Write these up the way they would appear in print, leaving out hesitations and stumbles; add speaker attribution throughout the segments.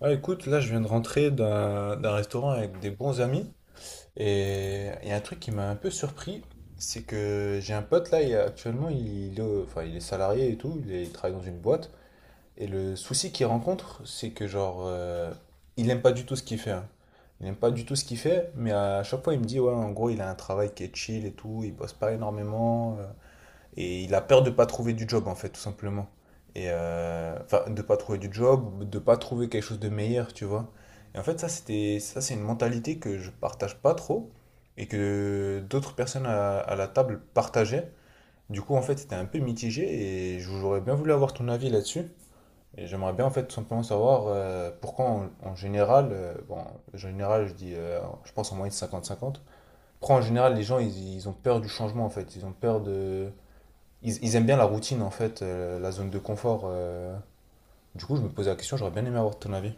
Speaker 1: Ouais, écoute, là je viens de rentrer d'un restaurant avec des bons amis et il y a un truc qui m'a un peu surpris, c'est que j'ai un pote là, et actuellement il est salarié et tout, il travaille dans une boîte et le souci qu'il rencontre c'est que il aime pas du tout ce qu'il fait, hein. Il aime pas du tout ce qu'il fait, mais à chaque fois il me dit ouais, en gros il a un travail qui est chill et tout, il bosse pas énormément, et il a peur de pas trouver du job, en fait, tout simplement. De pas trouver du job, de pas trouver quelque chose de meilleur, tu vois. Et en fait, ça, c'est une mentalité que je partage pas trop et que d'autres personnes à la table partageaient. Du coup, en fait, c'était un peu mitigé et j'aurais bien voulu avoir ton avis là-dessus. Et j'aimerais bien, en fait, tout simplement savoir pourquoi, en général, en général, je dis, je pense en moyenne 50 cinquante pourquoi en général, ils ont peur du changement, en fait. Ils ont peur de, ils aiment bien la routine, en fait, la zone de confort. Du coup, je me posais la question, j'aurais bien aimé avoir ton avis.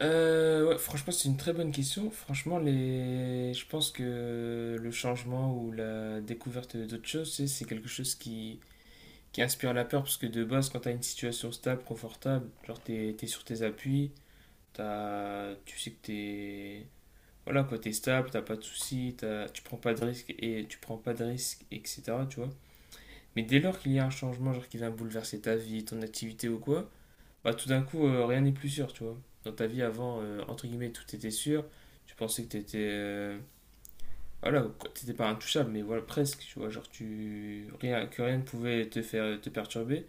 Speaker 2: Ouais, franchement, c'est une très bonne question. Franchement, je pense que le changement ou la découverte d'autres choses, c'est quelque chose qui inspire la peur, parce que de base, quand t'as une situation stable, confortable, genre t'es sur tes appuis, tu sais que voilà quoi, t'es stable, t'as pas de soucis, tu prends pas de risques et tu prends pas de risques, etc. Tu vois. Mais dès lors qu'il y a un changement, genre qui vient bouleverser ta vie, ton activité ou quoi, bah, tout d'un coup, rien n'est plus sûr, tu vois. Dans ta vie avant, entre guillemets, tout était sûr. Tu pensais que t'étais. Voilà, que t'étais pas intouchable, mais voilà, presque, tu vois. Genre, tu, rien, que rien ne pouvait te faire te perturber.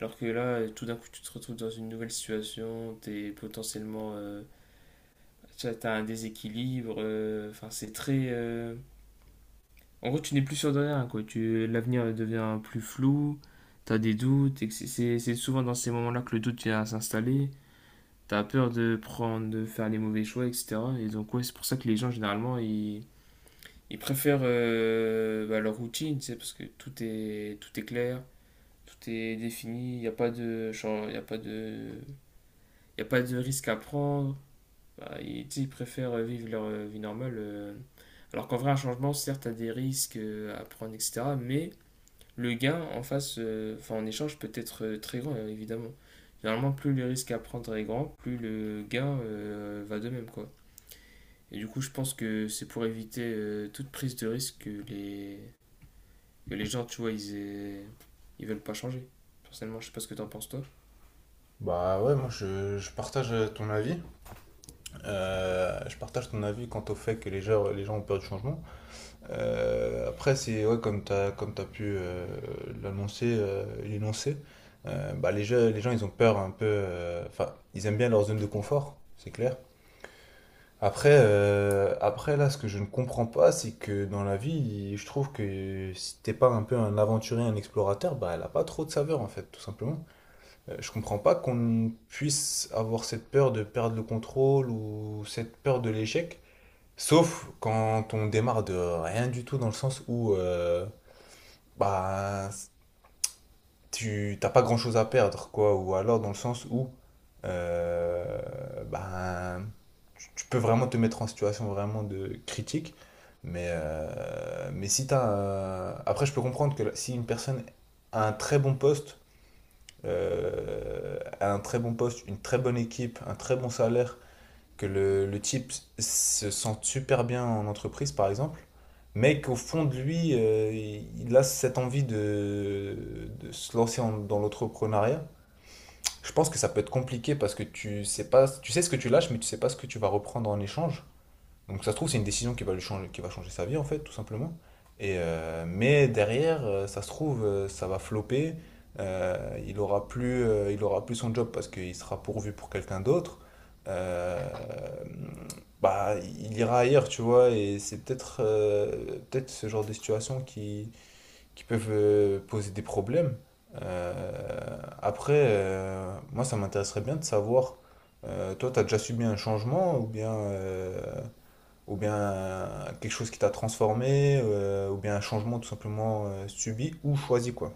Speaker 2: Alors que là, tout d'un coup, tu te retrouves dans une nouvelle situation, t'es potentiellement. Tu vois, t'as un déséquilibre. Enfin, c'est très. En gros, tu n'es plus sûr de rien, quoi. L'avenir devient plus flou, t'as des doutes, et que c'est souvent dans ces moments-là que le doute vient à s'installer. T'as peur de prendre, de faire les mauvais choix, etc. Et donc, ouais, c'est pour ça que les gens, généralement, ils préfèrent bah, leur routine, tu sais, parce que tout est clair, tout est défini, il n'y a pas de, chan- y a pas de risque à prendre. Bah, tu sais, ils préfèrent vivre leur vie normale. Alors qu'en vrai, un changement, certes, t'as des risques à prendre, etc. Mais le gain en face, enfin en échange peut être très grand, évidemment. Généralement, plus le risque à prendre est grand, plus le gain va de même, quoi. Et du coup, je pense que c'est pour éviter toute prise de risque que les gens, tu vois, ils veulent pas changer. Personnellement, je sais pas ce que t'en penses, toi.
Speaker 1: Bah ouais, moi je partage ton avis. Je partage ton avis quant au fait que les gens ont peur du changement. Après, c'est ouais, comme t'as pu l'énoncer. Les les gens ils ont peur un peu. Enfin, ils aiment bien leur zone de confort, c'est clair. Après, là, ce que je ne comprends pas, c'est que dans la vie, je trouve que si t'es pas un peu un aventurier, un explorateur, bah, elle a pas trop de saveur, en fait, tout simplement. Je comprends pas qu'on puisse avoir cette peur de perdre le contrôle ou cette peur de l'échec, sauf quand on démarre de rien du tout, dans le sens où, bah, tu t'as pas grand-chose à perdre, quoi. Ou alors dans le sens où euh, ben, tu peux vraiment te mettre en situation vraiment de critique. Mais si t'as un- Après, je peux comprendre que si une personne a un très bon poste, une très bonne équipe, un très bon salaire, que le type se sent super bien en entreprise, par exemple, mais qu'au fond de lui, il a cette envie de se lancer dans l'entrepreneuriat. Je pense que ça peut être compliqué parce que tu sais pas, tu sais ce que tu lâches, mais tu sais pas ce que tu vas reprendre en échange. Donc ça se trouve, c'est une décision qui va changer sa vie, en fait, tout simplement. Mais derrière, ça se trouve, ça va flopper. Il aura plus son job parce qu'il sera pourvu pour quelqu'un d'autre. Euh, il ira ailleurs, tu vois. Et peut-être ce genre de situation qui peuvent poser des problèmes. Moi, ça m'intéresserait bien de savoir, toi, tu as déjà subi un changement ou bien... quelque chose qui t'a transformé, ou bien un changement tout simplement subi ou choisi, quoi.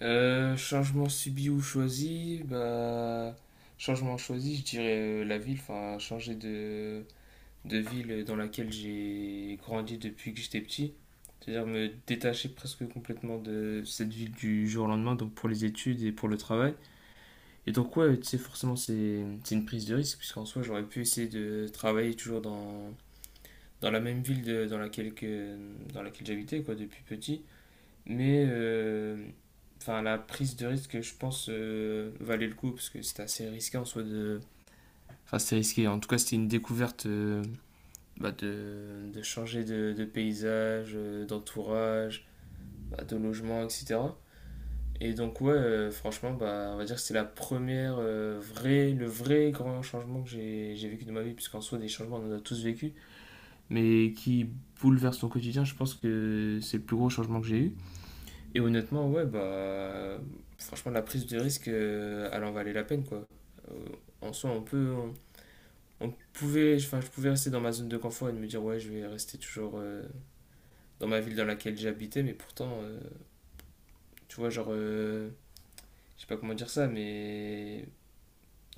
Speaker 2: Changement subi ou choisi, Changement choisi, je dirais la ville, enfin, de ville dans laquelle j'ai grandi depuis que j'étais petit. C'est-à-dire me détacher presque complètement de cette ville du jour au lendemain, donc pour les études et pour le travail. Et donc, ouais, tu sais, forcément, c'est une prise de risque, puisqu'en soi, j'aurais pu essayer de travailler toujours dans la même dans laquelle j'habitais, quoi, depuis petit. Mais, enfin, la prise de risque, je pense, valait le coup, parce que c'était assez risqué en soi Enfin, c'était risqué. En tout cas, c'était une découverte bah, changer de paysage, d'entourage, bah, de logement, etc. Et donc ouais, franchement, bah, on va dire que c'est la première vraie, le vrai grand changement que j'ai vécu de ma vie, puisqu'en soi des changements on en a tous vécu, mais qui bouleverse ton quotidien, je pense que c'est le plus gros changement que j'ai eu. Et honnêtement, ouais, bah franchement la prise de risque, elle en valait la peine quoi. Euh, en soi, on pouvait, enfin je pouvais rester dans ma zone de confort et de me dire ouais, je vais rester toujours dans ma ville dans laquelle j'habitais, mais pourtant, tu vois, genre, je sais pas comment dire ça, mais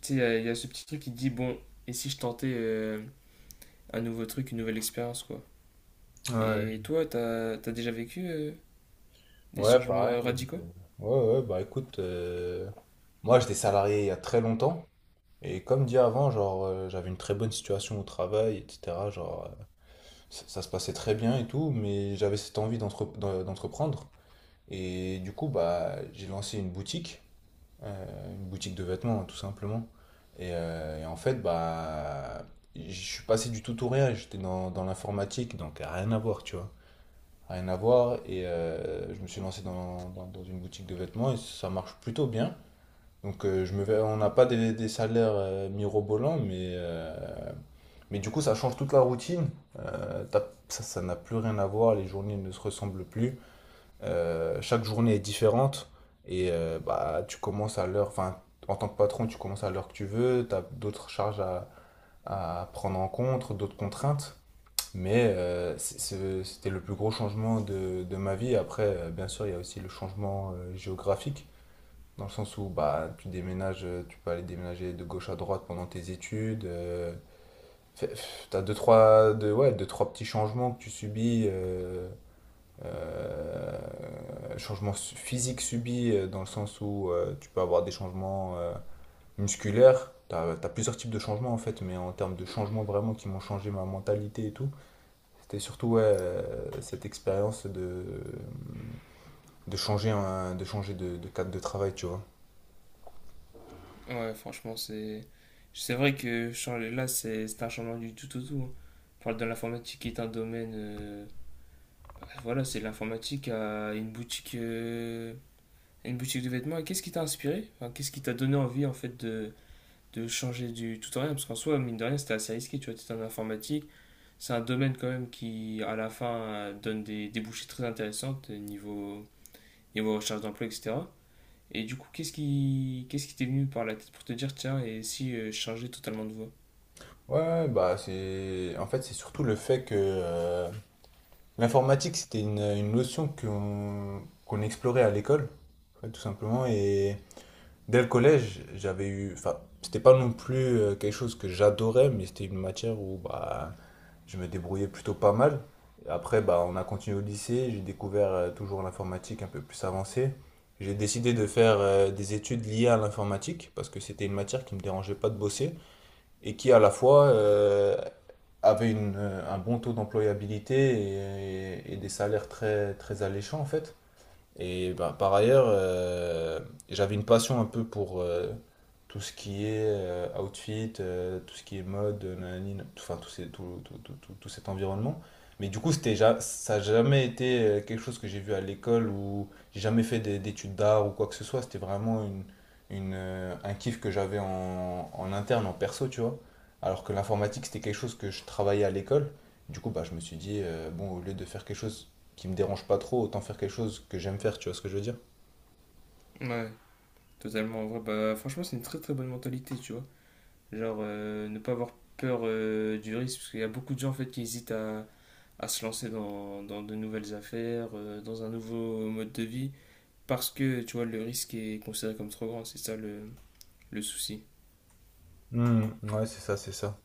Speaker 2: tu sais, il y a ce petit truc qui te dit, bon, et si je tentais un nouveau truc, une nouvelle expérience, quoi.
Speaker 1: Ouais.
Speaker 2: Et toi, t'as déjà vécu des
Speaker 1: Ouais,
Speaker 2: changements
Speaker 1: pareil.
Speaker 2: radicaux?
Speaker 1: Ouais, ouais, bah écoute, moi j'étais salarié il y a très longtemps, et comme dit avant, j'avais une très bonne situation au travail, etc. Genre ça se passait très bien et tout, mais j'avais cette envie d'entreprendre, et du coup, bah j'ai lancé une boutique. Une boutique de vêtements, hein, tout simplement. Et en fait, bah, je suis passé du tout au rien. J'étais dans l'informatique, donc rien à voir, tu vois. Rien à voir. Je me suis lancé dans une boutique de vêtements et ça marche plutôt bien. Donc, on n'a pas des salaires mirobolants, mais du coup, ça change toute la routine. Ça n'a plus rien à voir, les journées ne se ressemblent plus. Chaque journée est différente et bah, tu commences à l'heure, enfin, en tant que patron, tu commences à l'heure que tu veux, tu as d'autres charges à prendre en compte, d'autres contraintes. Mais c'était le plus gros changement de ma vie. Bien sûr, il y a aussi le changement géographique, dans le sens où bah, tu déménages, tu peux aller déménager de gauche à droite pendant tes études. Fait- T'as deux, trois petits changements que tu subis euh, changements physiques subis dans le sens où tu peux avoir des changements musculaires. Tu as plusieurs types de changements en fait, mais en termes de changements vraiment qui m'ont changé ma mentalité et tout, c'était surtout ouais, cette expérience de changer de cadre de travail, tu vois.
Speaker 2: Ouais, franchement, c'est. C'est vrai que changer là, c'est un changement du tout au tout. Hein. On parle de l'informatique qui est un domaine. Bah, voilà, c'est l'informatique à une boutique de vêtements. Et qu'est-ce qui t'a inspiré? Enfin, qu'est-ce qui t'a donné envie en fait de changer du tout en rien, parce qu'en soi, mine de rien, c'était assez risqué, tu vois, t'es en informatique, c'est un domaine quand même qui, à la fin, donne des débouchés très intéressantes niveau recherche d'emploi, etc. Et du coup, qu'est-ce qui t'est venu par la tête pour te dire, tiens, et si je changeais totalement de voie?
Speaker 1: Bah c'est surtout le fait que l'informatique c'était une notion qu'on explorait à l'école, en fait, tout simplement. Et dès le collège, j'avais eu. Enfin, c'était pas non plus quelque chose que j'adorais, mais c'était une matière où bah, je me débrouillais plutôt pas mal. Et après, bah, on a continué au lycée, j'ai découvert toujours l'informatique un peu plus avancée. J'ai décidé de faire des études liées à l'informatique parce que c'était une matière qui me dérangeait pas de bosser et qui à la fois avait un bon taux d'employabilité et des salaires très, très alléchants en fait. Et ben, par ailleurs, j'avais une passion un peu pour tout ce qui est outfit, tout ce qui est mode, nanani, nan- tout, enfin, tout, ces- tout, tout- tout- tout- tout cet environnement. Mais du coup, c'était, ça n'a jamais été quelque chose que j'ai vu à l'école ou j'ai jamais fait d'études d'art ou quoi que ce soit. C'était vraiment un kiff que j'avais en, en interne, en perso, tu vois. Alors que l'informatique, c'était quelque chose que je travaillais à l'école. Du coup, bah, je me suis dit, bon, au lieu de faire quelque chose qui me dérange pas trop, autant faire quelque chose que j'aime faire, tu vois ce que je veux dire?
Speaker 2: Ouais. Totalement, en vrai, bah, franchement, c'est une très très bonne mentalité, tu vois. Genre, ne pas avoir peur du risque, parce qu'il y a beaucoup de gens, en fait, à se lancer dans de nouvelles affaires, dans un nouveau mode de vie. Parce que, tu vois, le risque est considéré comme trop grand, c'est ça le souci.
Speaker 1: Hmm, ouais, c'est ça, c'est ça.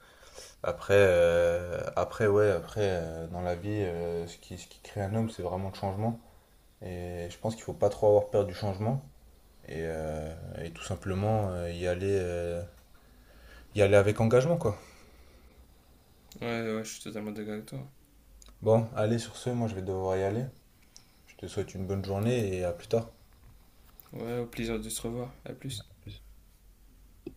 Speaker 1: Après, dans la vie, ce ce qui crée un homme, c'est vraiment le changement. Et je pense qu'il faut pas trop avoir peur du changement. Et, euh, et tout simplement y aller avec engagement, quoi.
Speaker 2: Ouais, ouais, je suis totalement d'accord avec toi.
Speaker 1: Bon, allez, sur ce, moi je vais devoir y aller. Je te souhaite une bonne journée et à plus tard.
Speaker 2: Ouais, au plaisir de se revoir. À plus.